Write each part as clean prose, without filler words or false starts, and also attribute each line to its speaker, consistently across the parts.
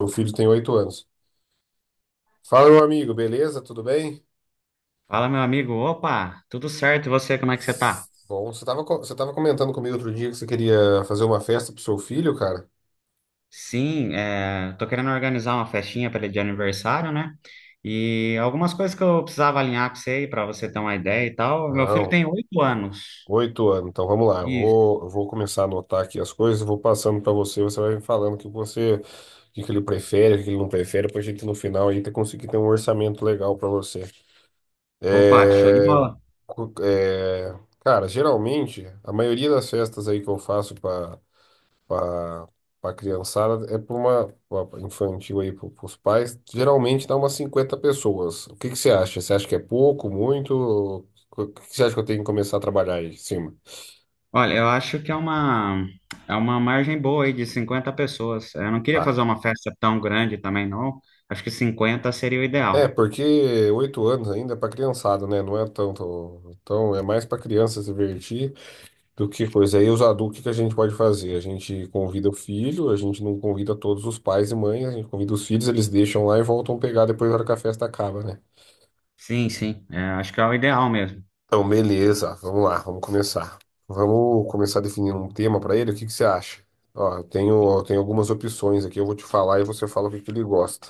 Speaker 1: Meu filho tem oito anos. Fala, meu amigo, beleza? Tudo bem?
Speaker 2: Fala, meu amigo. Opa, tudo certo? E você, como é que você tá?
Speaker 1: Bom, você tava comentando comigo outro dia que você queria fazer uma festa pro seu filho, cara?
Speaker 2: Sim, é, tô querendo organizar uma festinha para de aniversário, né? E algumas coisas que eu precisava alinhar com você aí, para você ter uma ideia e tal. Meu filho
Speaker 1: Não,
Speaker 2: tem 8 anos.
Speaker 1: oito anos. Então vamos lá,
Speaker 2: Isso.
Speaker 1: eu vou começar a anotar aqui as coisas, eu vou passando para você, você vai me falando o que você, o que que ele prefere, o que que ele não prefere, pra gente no final aí conseguir ter um orçamento legal para você.
Speaker 2: Opa, show de
Speaker 1: É,
Speaker 2: bola.
Speaker 1: cara, geralmente, a maioria das festas aí que eu faço para a criançada, é para uma pra infantil aí, para os pais, geralmente dá umas 50 pessoas. O que que você acha? Você acha que é pouco, muito? O que que você acha que eu tenho que começar a trabalhar aí em cima?
Speaker 2: Olha, eu acho que é uma margem boa aí de 50 pessoas. Eu não queria
Speaker 1: Tá.
Speaker 2: fazer uma festa tão grande também, não. Acho que 50 seria o
Speaker 1: É,
Speaker 2: ideal.
Speaker 1: porque oito anos ainda é para criançada, né? Não é tanto. Então, é mais para criança se divertir do que coisa. Aí, os adultos, o que que a gente pode fazer? A gente convida o filho, a gente não convida todos os pais e mães, a gente convida os filhos, eles deixam lá e voltam pegar depois na hora que a festa acaba, né?
Speaker 2: Sim, sim, é, acho que é o ideal mesmo.
Speaker 1: Então, beleza, vamos lá, vamos começar. Vamos começar definindo um tema para ele, o que que você acha? Ó, eu tenho algumas opções aqui, eu vou te falar e você fala o que que ele gosta.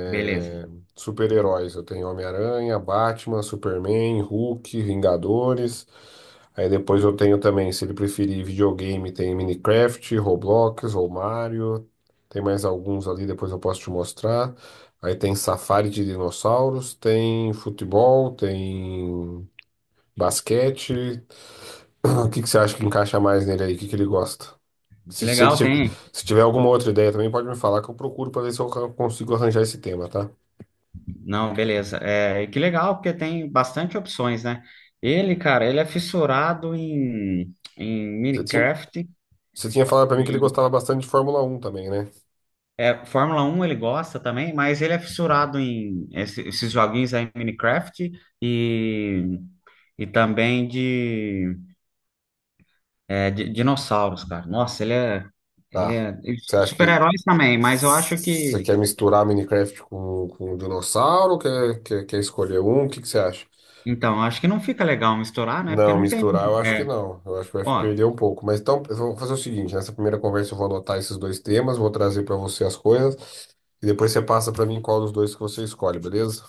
Speaker 2: Beleza.
Speaker 1: Super-heróis, eu tenho Homem-Aranha, Batman, Superman, Hulk, Vingadores. Aí depois eu tenho também, se ele preferir videogame, tem Minecraft, Roblox ou Mario. Tem mais alguns ali, depois eu posso te mostrar. Aí tem Safari de dinossauros, tem futebol, tem basquete. O que que você acha que encaixa mais nele aí? O que que ele gosta?
Speaker 2: Que
Speaker 1: Se ele
Speaker 2: legal,
Speaker 1: tiver,
Speaker 2: tem.
Speaker 1: se tiver alguma outra ideia também, pode me falar que eu procuro pra ver se eu consigo arranjar esse tema, tá?
Speaker 2: Não, beleza. É, e que legal, porque tem bastante opções, né? Ele, cara, ele é fissurado em
Speaker 1: Você tinha,
Speaker 2: Minecraft
Speaker 1: você tinha falado pra mim que ele
Speaker 2: e
Speaker 1: gostava bastante de Fórmula um também, né?
Speaker 2: é, Fórmula 1. Ele gosta também, mas ele é fissurado em esses joguinhos aí Minecraft e, e também de, de dinossauros, cara. Nossa, ele é, ele
Speaker 1: Tá.
Speaker 2: é e
Speaker 1: Você acha que
Speaker 2: super-heróis também, mas eu acho
Speaker 1: você
Speaker 2: que,
Speaker 1: quer misturar Minecraft com dinossauro? Quer escolher um? O que que você acha?
Speaker 2: então, acho que não fica legal misturar, né? Porque
Speaker 1: Não,
Speaker 2: não tem,
Speaker 1: misturar eu acho que
Speaker 2: é,
Speaker 1: não. Eu acho que vai
Speaker 2: ó,
Speaker 1: perder um pouco. Mas então, eu vou fazer o seguinte: nessa primeira conversa eu vou anotar esses dois temas, vou trazer para você as coisas, e depois você passa para mim qual dos dois que você escolhe, beleza?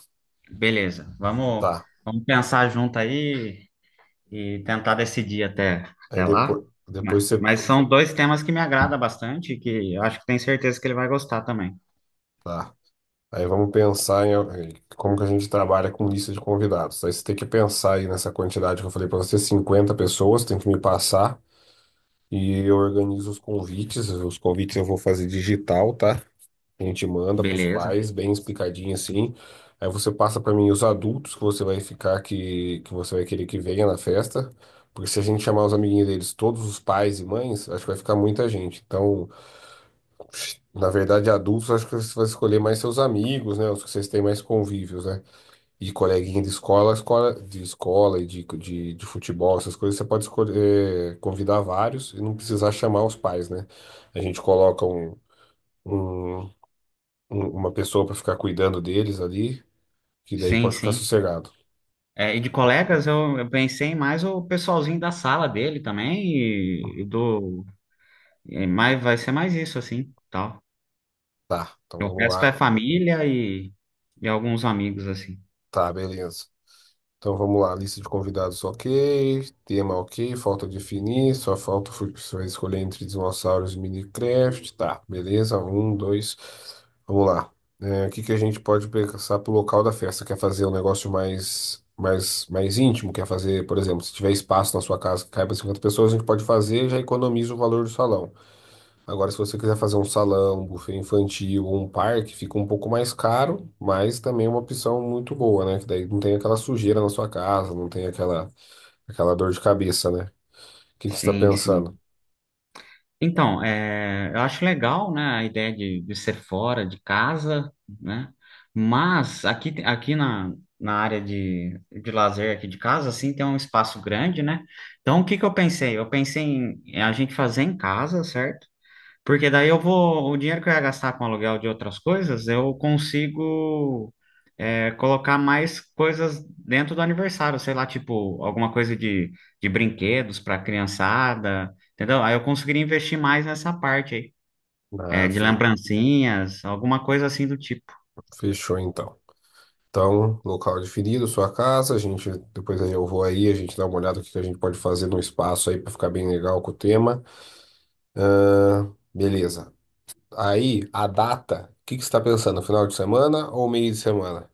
Speaker 2: beleza, vamos,
Speaker 1: Tá.
Speaker 2: vamos pensar junto aí e tentar decidir até,
Speaker 1: Aí
Speaker 2: até lá.
Speaker 1: depois, depois você.
Speaker 2: Mas são dois temas que me agrada bastante, e que eu acho que tenho certeza que ele vai gostar também.
Speaker 1: Tá. Aí vamos pensar em como que a gente trabalha com lista de convidados. Aí você tem que pensar aí nessa quantidade que eu falei para você: cinquenta pessoas, tem que me passar, e eu organizo os convites. Os convites eu vou fazer digital, tá? A gente manda para os
Speaker 2: Beleza,
Speaker 1: pais, bem explicadinho assim. Aí você passa para mim os adultos que você vai ficar, que você vai querer que venha na festa. Porque se a gente chamar os amiguinhos deles, todos os pais e mães, acho que vai ficar muita gente. Então, na verdade, adultos, acho que você vai escolher mais seus amigos, né? Os que vocês têm mais convívios, né? E coleguinha de escola, e de futebol, essas coisas, você pode escolher, convidar vários e não precisar chamar os pais, né? A gente coloca um. Um- um- uma pessoa pra ficar cuidando deles ali, que daí
Speaker 2: sim,
Speaker 1: pode ficar
Speaker 2: sim.
Speaker 1: sossegado.
Speaker 2: É, e de colegas, eu pensei mais o pessoalzinho da sala dele também, e do. É mais, vai ser mais isso, assim, tal.
Speaker 1: Tá, então
Speaker 2: O
Speaker 1: vamos
Speaker 2: resto
Speaker 1: lá.
Speaker 2: é família e alguns amigos, assim.
Speaker 1: Tá, beleza. Então vamos lá, lista de convidados ok, tema ok, falta definir, só falta você vai escolher entre dinossauros e Minecraft. Tá, beleza, um, dois, vamos lá. É, o que que a gente pode pensar pro local da festa? Quer fazer um negócio mais íntimo? Quer fazer, por exemplo, se tiver espaço na sua casa que caiba 50 pessoas, a gente pode fazer, já economiza o valor do salão. Agora, se você quiser fazer um salão, um buffet infantil ou um parque, fica um pouco mais caro, mas também é uma opção muito boa, né? Que daí não tem aquela sujeira na sua casa, não tem aquela, aquela dor de cabeça, né? O que que você está
Speaker 2: Sim,
Speaker 1: pensando?
Speaker 2: sim. Então, é, eu acho legal, né, a ideia de ser fora de casa, né? Mas aqui na área de lazer aqui de casa, assim, tem um espaço grande, né? Então, o que que eu pensei? Eu pensei em a gente fazer em casa, certo? Porque daí eu vou, o dinheiro que eu ia gastar com aluguel de outras coisas, eu consigo colocar mais coisas dentro do aniversário, sei lá, tipo, alguma coisa de brinquedos para criançada, entendeu? Aí eu conseguiria investir mais nessa parte aí,
Speaker 1: Ah,
Speaker 2: de
Speaker 1: fe-
Speaker 2: lembrancinhas, alguma coisa assim do tipo.
Speaker 1: fechou então. Então, local definido, sua casa, a gente, depois aí eu vou aí, a gente dá uma olhada o que que a gente pode fazer no espaço aí para ficar bem legal com o tema. Ah, beleza. Aí, a data, o que que você está pensando? Final de semana ou meio de semana?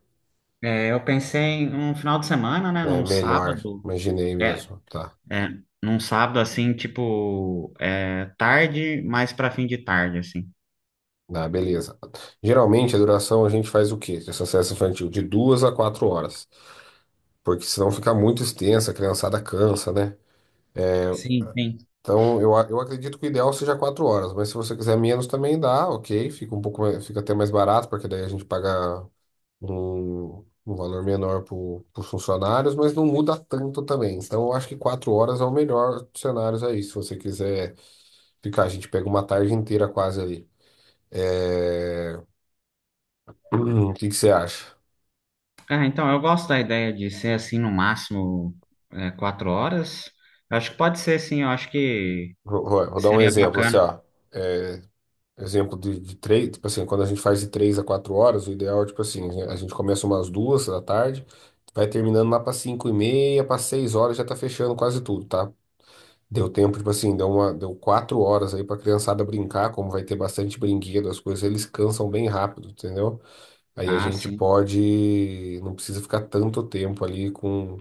Speaker 2: É, eu pensei em um final de semana, né,
Speaker 1: É
Speaker 2: num
Speaker 1: melhor,
Speaker 2: sábado,
Speaker 1: imaginei
Speaker 2: é,
Speaker 1: mesmo. Tá.
Speaker 2: é, num sábado assim, tipo, tarde, mais para fim de tarde, assim.
Speaker 1: Ah, beleza. Geralmente a duração a gente faz o quê? Dessa sessão infantil? De duas a quatro horas. Porque senão fica muito extensa, a criançada cansa, né?
Speaker 2: Sim, sim.
Speaker 1: Eu acredito que o ideal seja quatro horas, mas se você quiser menos também dá, ok. Fica até mais barato, porque daí a gente paga um valor menor para os funcionários, mas não muda tanto também. Então eu acho que quatro horas é o melhor cenário aí, se você quiser ficar, a gente pega uma tarde inteira quase ali. É, O que que você acha?
Speaker 2: Ah, então, eu gosto da ideia de ser assim, no máximo, 4 horas. Eu acho que pode ser, sim, eu acho que.
Speaker 1: Vou dar um
Speaker 2: Seria
Speaker 1: exemplo assim,
Speaker 2: bacana.
Speaker 1: ó. É, Exemplo de três, tipo assim, quando a gente faz de três a quatro horas, o ideal é, tipo assim, a gente começa umas duas da tarde, vai terminando lá para cinco e meia, para seis horas já tá fechando quase tudo, tá? Deu tempo, tipo assim, deu quatro horas aí pra criançada brincar, como vai ter bastante brinquedo, as coisas, eles cansam bem rápido, entendeu? Aí a
Speaker 2: Ah,
Speaker 1: gente
Speaker 2: sim.
Speaker 1: pode, não precisa ficar tanto tempo ali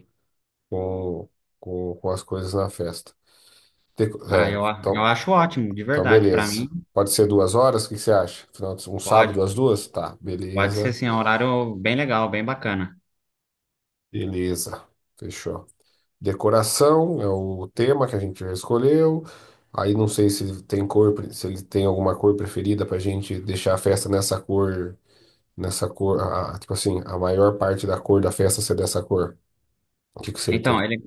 Speaker 1: com, com as coisas na festa. Tem co-
Speaker 2: Ah,
Speaker 1: É,
Speaker 2: eu
Speaker 1: então,
Speaker 2: acho ótimo, de
Speaker 1: então
Speaker 2: verdade. Para
Speaker 1: beleza.
Speaker 2: mim,
Speaker 1: Pode ser duas horas, o que que você acha? Um
Speaker 2: pode.
Speaker 1: sábado às duas? Tá,
Speaker 2: Pode ser, sim, é um horário bem legal, bem bacana.
Speaker 1: beleza. Fechou. Decoração é o tema que a gente já escolheu. Aí não sei se tem se ele tem alguma cor preferida pra gente deixar a festa nessa cor, tipo assim, a maior parte da cor da festa ser dessa cor. O que que você
Speaker 2: Então,
Speaker 1: tem?
Speaker 2: ele,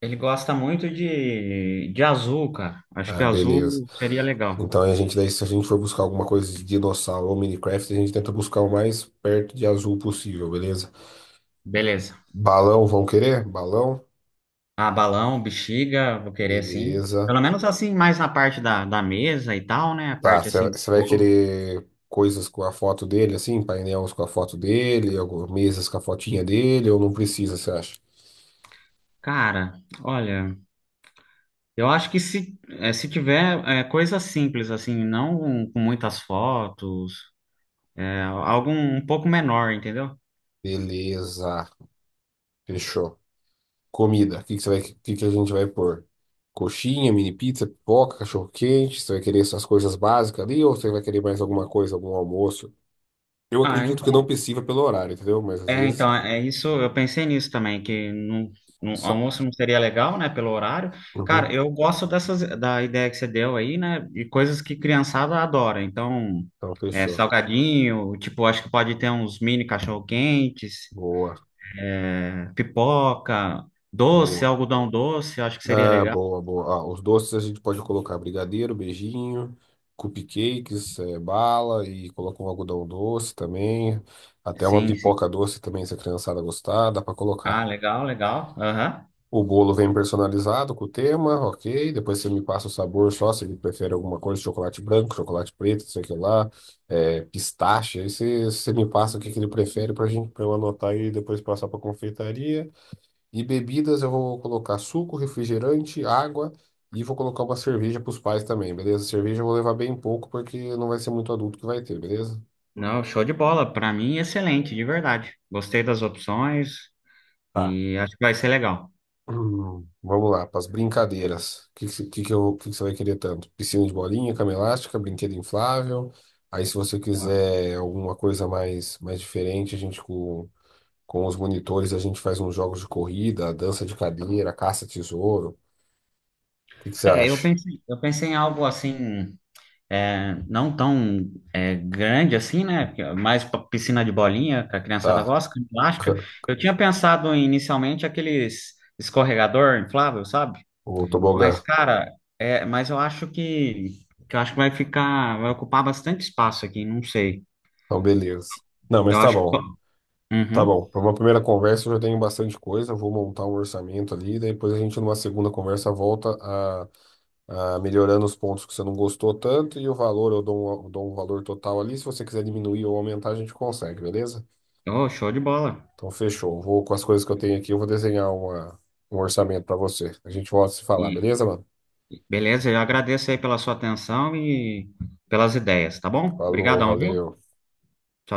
Speaker 2: ele gosta muito de azul, cara. Acho que
Speaker 1: Ah, beleza.
Speaker 2: azul seria legal.
Speaker 1: Então a gente daí, se a gente for buscar alguma coisa de dinossauro ou Minecraft, a gente tenta buscar o mais perto de azul possível, beleza?
Speaker 2: Beleza.
Speaker 1: Balão, vão querer? Balão?
Speaker 2: Ah, balão, bexiga, vou querer sim.
Speaker 1: Beleza.
Speaker 2: Pelo menos assim, mais na parte da mesa e tal, né? A
Speaker 1: Tá,
Speaker 2: parte assim do
Speaker 1: você vai
Speaker 2: bolo.
Speaker 1: querer coisas com a foto dele, assim, painéis com a foto dele, algumas mesas com a fotinha dele, ou não precisa, você acha?
Speaker 2: Cara, olha, eu acho que se tiver coisa simples, assim, não com muitas fotos. Algo um pouco menor, entendeu?
Speaker 1: Beleza, fechou. Comida. O que que a gente vai pôr? Coxinha, mini pizza, pipoca, cachorro quente. Você vai querer essas coisas básicas ali ou você vai querer mais alguma coisa, algum almoço? Eu
Speaker 2: Ah,
Speaker 1: acredito que eu não
Speaker 2: então,
Speaker 1: precisa pelo horário, entendeu? Mas às vezes
Speaker 2: é isso, eu pensei nisso também, que no
Speaker 1: só.
Speaker 2: almoço não seria legal, né, pelo horário. Cara,
Speaker 1: Uhum.
Speaker 2: eu gosto da ideia que você deu aí, né, de coisas que criançada adora. Então,
Speaker 1: Então, fechou.
Speaker 2: salgadinho, tipo, acho que pode ter uns mini cachorro-quentes,
Speaker 1: Boa,
Speaker 2: pipoca, doce,
Speaker 1: boa.
Speaker 2: algodão doce, acho que seria
Speaker 1: Ah,
Speaker 2: legal.
Speaker 1: boa, boa. Ah, os doces a gente pode colocar brigadeiro, beijinho, cupcakes, bala e coloca um algodão doce também. Até uma
Speaker 2: Sim, sim.
Speaker 1: pipoca doce também, se a criançada gostar, dá pra
Speaker 2: Ah,
Speaker 1: colocar.
Speaker 2: legal, legal. Aham.
Speaker 1: O bolo vem personalizado com o tema, ok. Depois você me passa o sabor só, se ele prefere alguma coisa, chocolate branco, chocolate preto, não sei o que lá, pistache. Você me passa o que ele prefere para gente, para eu anotar aí e depois passar para confeitaria. E bebidas eu vou colocar suco, refrigerante, água e vou colocar uma cerveja para os pais também, beleza? Cerveja eu vou levar bem pouco porque não vai ser muito adulto que vai ter, beleza?
Speaker 2: Não, show de bola. Para mim, excelente, de verdade. Gostei das opções.
Speaker 1: Tá.
Speaker 2: E acho que vai ser legal.
Speaker 1: Vamos lá, para as brincadeiras. O que, que, eu, que você vai querer tanto? Piscina de bolinha, cama elástica, brinquedo inflável. Aí, se você
Speaker 2: Ó.
Speaker 1: quiser alguma coisa mais diferente, com os monitores, a gente faz uns jogos de corrida, dança de cadeira, caça-tesouro. O que você
Speaker 2: É, eu
Speaker 1: acha?
Speaker 2: pensei, eu pensei em algo assim, não tão grande assim, né? Mais pra piscina de bolinha, que a criançada
Speaker 1: Tá,
Speaker 2: gosta, com elástica.
Speaker 1: c-
Speaker 2: Eu tinha pensado inicialmente aqueles escorregador inflável, sabe?
Speaker 1: o
Speaker 2: Mas,
Speaker 1: tobogã.
Speaker 2: cara, mas eu acho que, eu acho que vai ficar, vai ocupar bastante espaço aqui, não sei.
Speaker 1: Então, beleza. Não, mas
Speaker 2: Eu
Speaker 1: tá
Speaker 2: acho que.
Speaker 1: bom. Tá
Speaker 2: Uhum.
Speaker 1: bom. Para uma primeira conversa, eu já tenho bastante coisa. Eu vou montar um orçamento ali. Daí depois, a gente, numa segunda conversa, volta melhorando os pontos que você não gostou tanto e o valor, eu dou um valor total ali. Se você quiser diminuir ou aumentar, a gente consegue, beleza?
Speaker 2: Oh, show de bola.
Speaker 1: Então, fechou. Vou com as coisas que eu tenho aqui, eu vou desenhar uma, um orçamento para você. A gente volta a se falar, beleza, mano?
Speaker 2: Beleza, eu agradeço aí pela sua atenção e pelas ideias, tá bom?
Speaker 1: Falou,
Speaker 2: Obrigadão, viu?
Speaker 1: valeu.
Speaker 2: Tchau.